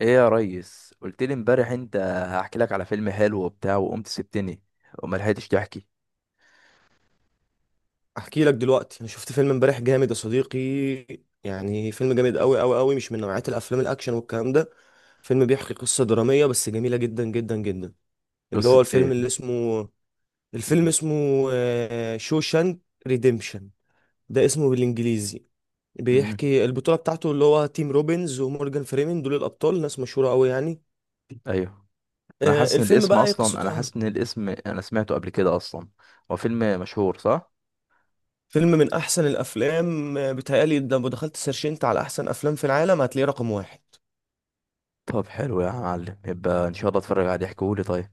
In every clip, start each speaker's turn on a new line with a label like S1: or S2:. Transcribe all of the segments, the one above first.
S1: ايه يا ريس، قلت لي امبارح انت هحكي لك على فيلم حلو وبتاع، وقمت سبتني وما لحقتش تحكي.
S2: احكي لك دلوقتي انا شفت فيلم امبارح جامد يا صديقي. يعني فيلم جامد قوي قوي قوي مش من نوعية الافلام الاكشن والكلام ده. فيلم بيحكي قصة درامية بس جميلة جدا جدا جدا. اللي
S1: قصة
S2: هو الفيلم
S1: ايه؟
S2: اللي اسمه، الفيلم
S1: مم.
S2: اسمه شوشانك ريديمشن، ده اسمه بالانجليزي.
S1: مم.
S2: بيحكي البطولة بتاعته اللي هو تيم روبنز ومورجان فريمن، دول الابطال ناس مشهورة قوي يعني.
S1: ايوه.
S2: الفيلم بقى ايه
S1: انا
S2: قصته؟
S1: حاسس ان الاسم انا سمعته قبل كده اصلا. هو فيلم مشهور، صح؟
S2: فيلم من احسن الافلام، بيتهيألي ده لو دخلت سيرشنت على احسن افلام في العالم هتلاقيه رقم واحد.
S1: طب حلو يا معلم، يبقى ان شاء الله اتفرج عليه. احكيهولي طيب.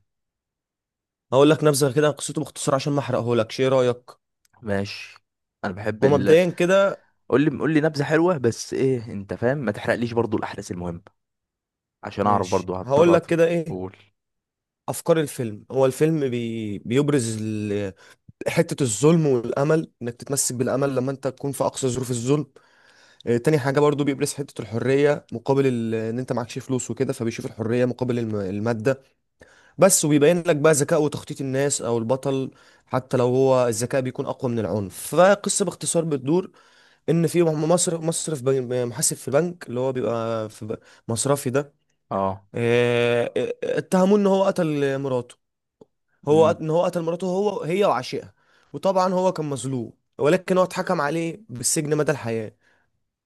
S2: هقول لك نبذه كده عن قصته باختصار عشان ما احرقهولكش، ايه رايك؟
S1: ماشي. انا بحب
S2: هو
S1: ال
S2: مبدئيا كده.
S1: قول لي نبذة حلوة. بس ايه، انت فاهم؟ ما تحرقليش برضو الاحداث المهمة عشان اعرف
S2: ماشي
S1: برضو
S2: هقول
S1: هضطر
S2: لك كده ايه
S1: اقول.
S2: افكار الفيلم. هو الفيلم بيبرز حته الظلم والامل، انك تتمسك بالامل لما انت تكون في اقصى ظروف الظلم. تاني حاجه برضو بيبرز حته الحريه مقابل ان انت معكش فلوس وكده، فبيشوف الحريه مقابل الماده بس. وبيبين لك بقى ذكاء وتخطيط الناس او البطل، حتى لو هو الذكاء بيكون اقوى من العنف. فقصه باختصار بتدور ان في مصر محاسب في البنك اللي هو بيبقى مصرفي ده.
S1: اه.
S2: اتهموه ان هو قتل مراته، ان هو قتل مراته هو، هي وعشيقها. وطبعا هو كان مظلوم ولكن هو اتحكم عليه بالسجن مدى الحياة،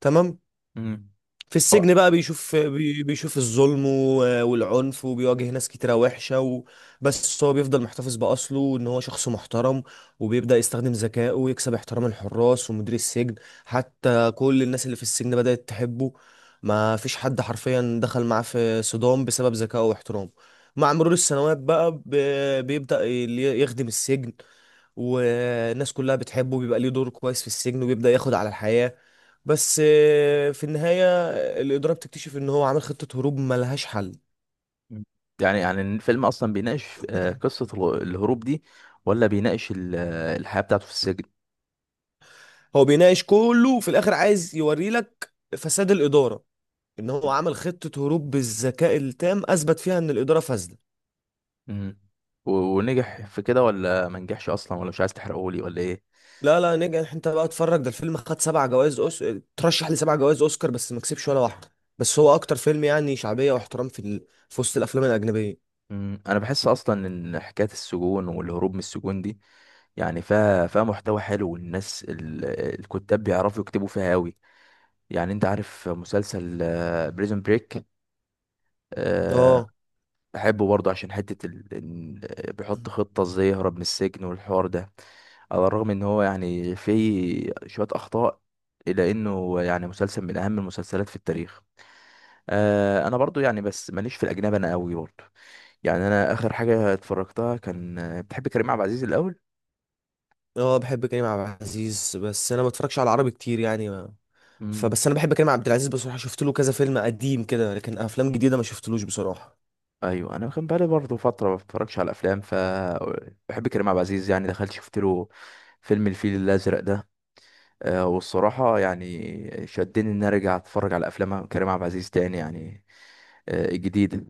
S2: تمام.
S1: امم.
S2: في السجن بقى بيشوف بيشوف الظلم والعنف وبيواجه ناس كتيرة وحشة. بس هو بيفضل محتفظ بأصله وإن هو شخص محترم. وبيبدأ يستخدم ذكائه ويكسب احترام الحراس ومدير السجن، حتى كل الناس اللي في السجن بدأت تحبه. ما فيش حد حرفيا دخل معاه في صدام بسبب ذكائه واحترامه. مع مرور السنوات بقى بيبدأ يخدم السجن، والناس كلها بتحبه بيبقى ليه دور كويس في السجن وبيبدأ ياخد على الحياة. بس في النهاية الإدارة بتكتشف إن هو عامل خطة هروب ملهاش حل.
S1: مم. يعني الفيلم اصلا بيناقش قصة الهروب دي، ولا بيناقش الحياة بتاعته في السجن؟
S2: هو بيناقش كله وفي الآخر عايز يوريلك فساد الإدارة، إن هو عمل خطة هروب بالذكاء التام أثبت فيها إن الإدارة فاسدة.
S1: مم. و- ونجح في كده، ولا ما نجحش اصلا، ولا مش عايز تحرقهولي ولا ايه؟
S2: لا لا نجح، انت بقى اتفرج، ده الفيلم خد سبع جوائز أوس... ترشح لسبع جوائز اوسكار بس ما كسبش ولا واحده. بس هو اكتر فيلم يعني شعبيه واحترام في في وسط الافلام الاجنبيه.
S1: مم. انا بحس اصلا ان حكاية السجون والهروب من السجون دي يعني فيها محتوى حلو، والناس الكتاب بيعرفوا يكتبوا فيها قوي. يعني انت عارف مسلسل بريزون بريك؟
S2: اه.
S1: بحبه برضه عشان حتة ال... إن- آه، بيحط خطة ازاي يهرب من السجن والحوار ده. على الرغم ان هو يعني فيه شوية اخطاء، الا انه يعني مسلسل من اهم المسلسلات في التاريخ. انا برضو يعني بس ماليش في الاجنبي انا قوي برضو. يعني انا اخر حاجة اتفرجتها كان. بتحب كريم عبد العزيز الاول؟
S2: اه، بحب كريم عبد العزيز بس انا ما بتفرجش على العربي كتير يعني ما.
S1: امم.
S2: فبس انا بحب كريم عبد العزيز بصراحه، شفت له كذا فيلم قديم كده لكن افلام جديده ما شفتلوش بصراحه.
S1: ايوه، انا كان بقالي برضو فترة ما بتفرجش على افلام بحب كريم عبد العزيز، يعني دخلت شفت له فيلم الفيل الازرق ده. والصراحة يعني شدني ان انا ارجع اتفرج على افلام كريم عبد العزيز تاني يعني، جديدة.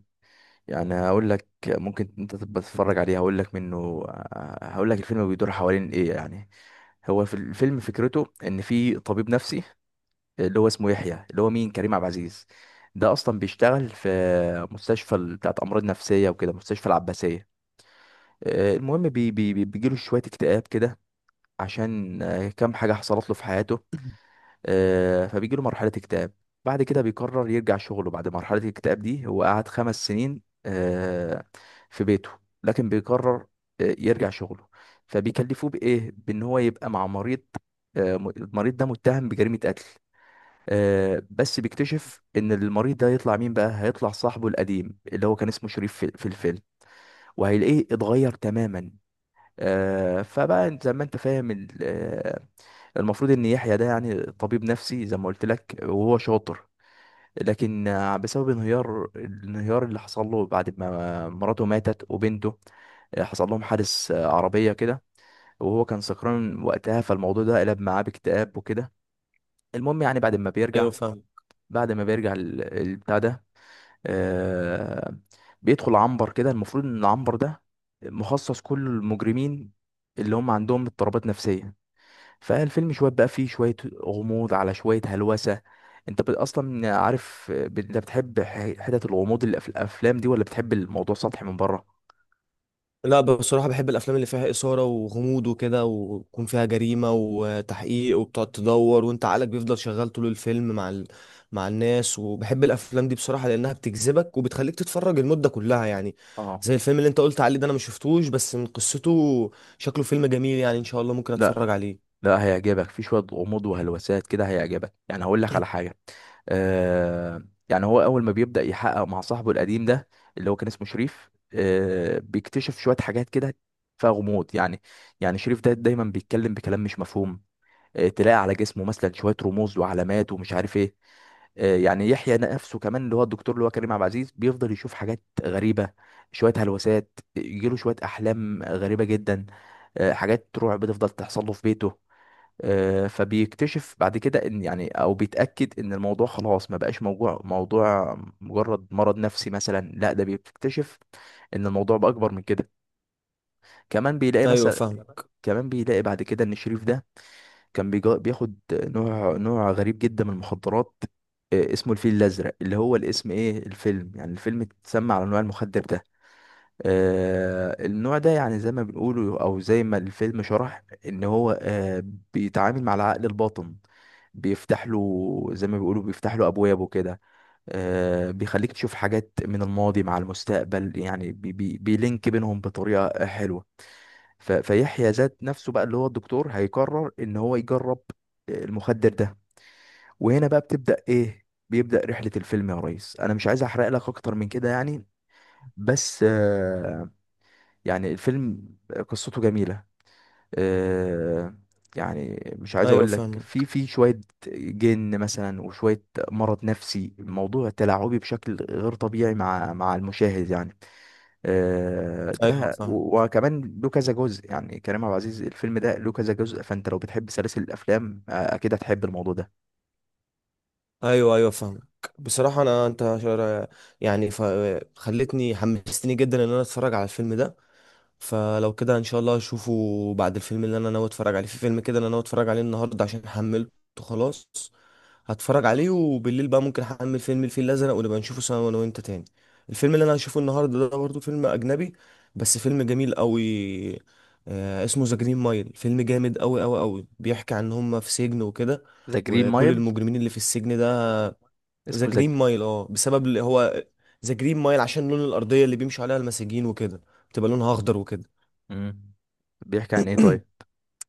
S1: يعني هقول لك، ممكن انت تبقى تتفرج عليه. هقول لك منه. هقول لك الفيلم بيدور حوالين ايه يعني. هو في الفيلم فكرته ان في طبيب نفسي اللي هو اسمه يحيى، اللي هو مين؟ كريم عبد العزيز. ده اصلا بيشتغل في مستشفى بتاعت امراض نفسيه وكده، مستشفى العباسيه. المهم بيجيله شويه اكتئاب كده، عشان كام حاجه حصلت له في حياته. فبيجي له مرحلة اكتئاب. بعد كده بيقرر يرجع شغله. بعد مرحلة الاكتئاب دي هو قعد 5 سنين في بيته. لكن بيقرر يرجع شغله. فبيكلفوه بإيه؟ بإن هو يبقى مع مريض. المريض ده متهم بجريمة قتل. بس بيكتشف ان المريض ده هيطلع مين بقى؟ هيطلع صاحبه القديم، اللي هو كان اسمه شريف في الفيلم، وهيلاقيه اتغير تماما. فبقى زي ما انت فاهم، المفروض ان يحيى ده يعني طبيب نفسي زي ما قلت لك وهو شاطر. لكن بسبب الانهيار اللي حصل له بعد ما مراته ماتت وبنته، حصل لهم حادث، عربية كده، وهو كان سكران وقتها. فالموضوع ده قلب معاه باكتئاب وكده. المهم يعني بعد ما
S2: ايوه
S1: بيرجع.
S2: فاهم.
S1: البتاع ده، آه، بيدخل عنبر كده. المفروض ان العنبر ده مخصص كل المجرمين اللي هم عندهم اضطرابات نفسية. فالفيلم شوية بقى فيه شوية غموض على شوية هلوسة. انت اصلا عارف، انت بتحب حتت الغموض اللي في الافلام دي، ولا بتحب الموضوع سطحي من بره؟
S2: لا بصراحه بحب الافلام اللي فيها اثاره وغموض وكده ويكون فيها جريمه وتحقيق، وبتقعد تدور وانت عقلك بيفضل شغال طول الفيلم مع مع الناس، وبحب الافلام دي بصراحه لانها بتجذبك وبتخليك تتفرج المده كلها يعني.
S1: اه.
S2: زي الفيلم اللي انت قلت عليه ده انا ما شفتوش، بس من قصته شكله فيلم جميل يعني، ان شاء الله ممكن اتفرج
S1: لا،
S2: عليه.
S1: لا، هيعجبك. في شوية غموض وهلوسات كده هيعجبك، يعني هقول لك على حاجة. آه يعني هو اول ما بيبدأ يحقق مع صاحبه القديم ده، اللي هو كان اسمه شريف، بيكتشف شوية حاجات كده فيها غموض يعني. يعني شريف ده دايما بيتكلم بكلام مش مفهوم. تلاقي على جسمه مثلا شويه رموز وعلامات ومش عارف ايه. يعني يحيى نفسه كمان، اللي هو الدكتور، اللي هو كريم عبد العزيز، بيفضل يشوف حاجات غريبة، شوية هلوسات، يجيله شوية أحلام غريبة جدا. حاجات رعب بتفضل تحصل له في بيته. فبيكتشف بعد كده ان، يعني، او بيتأكد ان الموضوع خلاص ما بقاش موضوع مجرد مرض نفسي مثلا، لا ده بيكتشف ان الموضوع بأكبر من كده. كمان بيلاقي
S2: ايوه
S1: مثلا،
S2: فاهم.
S1: كمان بيلاقي بعد كده ان شريف ده كان بياخد نوع غريب جدا من المخدرات، اسمه الفيل الأزرق، اللي هو الاسم ايه، الفيلم يعني الفيلم اتسمى على نوع المخدر ده. النوع ده يعني زي ما بنقوله، او زي ما الفيلم شرح، ان هو بيتعامل مع العقل الباطن، بيفتح له زي ما بيقولوا بيفتح له ابوابه كده. بيخليك تشوف حاجات من الماضي مع المستقبل، يعني بي بي بيلينك بينهم بطريقة حلوة. فيحيى ذات نفسه بقى، اللي هو الدكتور، هيقرر ان هو يجرب المخدر ده. وهنا بقى بتبدأ ايه بيبدأ رحلة الفيلم يا ريس. انا مش عايز احرق لك اكتر من كده يعني، بس يعني الفيلم قصته جميلة. آه، يعني مش عايز
S2: ايوه
S1: اقول لك في
S2: فاهمك.
S1: في شوية جن مثلا وشوية مرض نفسي. الموضوع تلاعبي بشكل غير طبيعي مع المشاهد يعني.
S2: ايوه
S1: ده
S2: فاهمك.
S1: وكمان له كذا جزء، يعني كريم عبد العزيز الفيلم ده له كذا جزء. فانت لو بتحب سلاسل الافلام اكيد هتحب الموضوع ده.
S2: ايوه ايوه فاهمك. بصراحه انا يعني خلتني حمستني جدا ان انا اتفرج على الفيلم ده. فلو كده ان شاء الله اشوفه. بعد الفيلم اللي انا ناوي اتفرج عليه، في فيلم كده انا ناوي اتفرج عليه النهارده عشان حملته. خلاص هتفرج عليه، وبالليل بقى ممكن احمل فيلم الفيل الازرق ونبقى نشوفه سوا انا وانت تاني. الفيلم اللي انا هشوفه النهارده ده برضه فيلم اجنبي بس فيلم جميل قوي. اسمه ذا جرين مايل، فيلم جامد قوي قوي قوي بيحكي عن هم في سجن وكده،
S1: ذا جرين
S2: وكل
S1: مايل.
S2: المجرمين اللي في السجن ده. ذا
S1: اسمه ذا.
S2: جرين مايل اه، بسبب اللي هو ذا جرين مايل عشان لون الارضيه اللي بيمشوا عليها المساجين وكده بتبقى لونها اخضر وكده.
S1: امم. بيحكي عن ايه طيب؟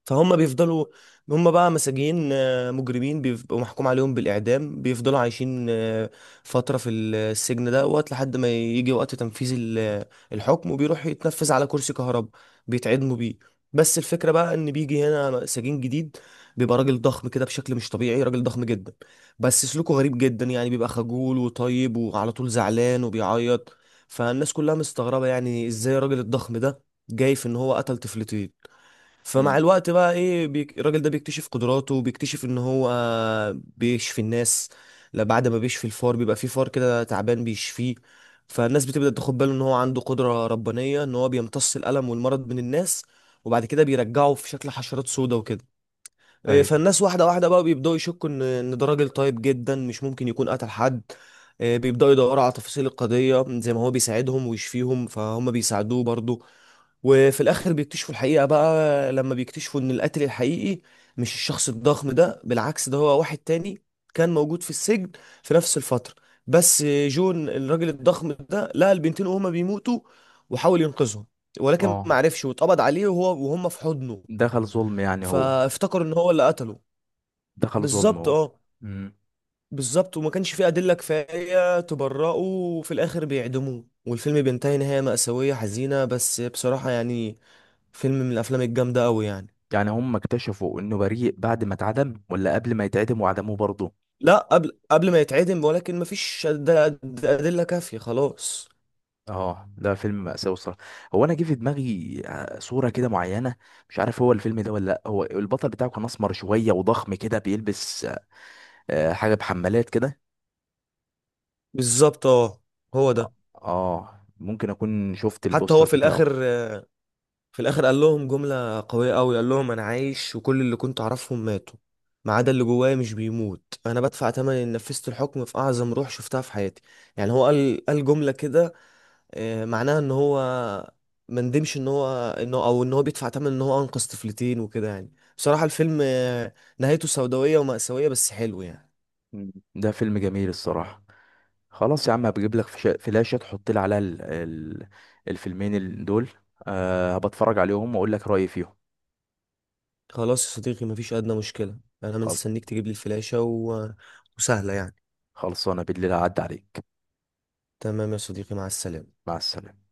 S2: فهم بيفضلوا، هم بقى مساجين مجرمين بيبقوا محكوم عليهم بالإعدام، بيفضلوا عايشين فترة في السجن ده وقت لحد ما يجي وقت تنفيذ الحكم، وبيروح يتنفذ على كرسي كهرباء بيتعدموا بيه. بس الفكرة بقى إن بيجي هنا سجين جديد، بيبقى راجل ضخم كده بشكل مش طبيعي، راجل ضخم جدا بس سلوكه غريب جدا يعني، بيبقى خجول وطيب وعلى طول زعلان وبيعيط. فالناس كلها مستغربة يعني إزاي الراجل الضخم ده جاي في إن هو قتل طفلتين. فمع
S1: امم.
S2: الوقت بقى ايه، الراجل ده بيكتشف قدراته وبيكتشف ان هو بيشفي الناس. لا بعد ما بيشفي الفار، بيبقى في فار كده تعبان بيشفيه. فالناس بتبدأ تاخد باله ان هو عنده قدرة ربانية، ان هو بيمتص الألم والمرض من الناس وبعد كده بيرجعه في شكل حشرات سودا وكده. إيه،
S1: ايوه.
S2: فالناس واحدة واحدة بقى بيبدأوا يشكوا إن ده راجل طيب جدا مش ممكن يكون قتل حد. إيه، بيبدأوا يدوروا على تفاصيل القضية زي ما هو بيساعدهم ويشفيهم فهم بيساعدوه برضه. وفي الآخر بيكتشفوا الحقيقة بقى لما بيكتشفوا إن القاتل الحقيقي مش الشخص الضخم ده، بالعكس ده هو واحد تاني كان موجود في السجن في نفس الفترة. بس جون الراجل الضخم ده لقى البنتين وهما بيموتوا وحاول ينقذهم، ولكن ما
S1: اه.
S2: عرفش واتقبض عليه وهو وهم في حضنه،
S1: دخل ظلم يعني هو؟
S2: فافتكروا ان هو اللي قتله.
S1: دخل ظلم
S2: بالظبط
S1: هو؟
S2: اه.
S1: امم.
S2: بالظبط، وما كانش فيه أدلة كفاية تبرئه وفي الآخر بيعدموه والفيلم بينتهي نهاية مأساوية حزينة بس بصراحة يعني فيلم من الأفلام الجامدة أوي يعني.
S1: يعني هم اكتشفوا انه بريء بعد ما اتعدم، ولا قبل ما يتعدم وعدموه برضه؟
S2: لا قبل ما يتعدم، ولكن مفيش أدلة كافية خلاص.
S1: اه، ده فيلم مأساوي الصراحة. هو انا جه في دماغي صورة كده معينة. مش عارف هو الفيلم ده ولا لا. هو البطل بتاعه كان اسمر شوية وضخم كده بيلبس حاجة بحمالات كده.
S2: بالظبط اه. هو
S1: اه.
S2: ده.
S1: ممكن اكون شفت
S2: حتى هو
S1: البوستر
S2: في الآخر،
S1: بتاعه.
S2: في الآخر قال لهم جملة قوية أوي، قال لهم أنا عايش وكل اللي كنت أعرفهم ماتوا ما عدا اللي جوايا مش بيموت، أنا بدفع تمن إن نفذت الحكم في أعظم روح شفتها في حياتي. يعني هو قال قال جملة كده، معناها ان هو ما ندمش ان هو انه او ان هو بيدفع ثمن ان هو انقذ طفلتين وكده. يعني بصراحة الفيلم، نهايته سوداوية ومأساوية بس حلو يعني.
S1: مم. ده فيلم جميل الصراحة. خلاص يا عم، هبجيب لك فلاشة تحط لي عليها الفيلمين دول. بتفرج عليهم واقول لك رأيي فيهم.
S2: خلاص يا صديقي مفيش أدنى مشكلة، انا
S1: خل-
S2: مستنيك تجيب لي الفلاشة وسهلة يعني.
S1: خلصانة، بالليل هعدي عليك.
S2: تمام يا صديقي، مع السلامة.
S1: مع السلامة.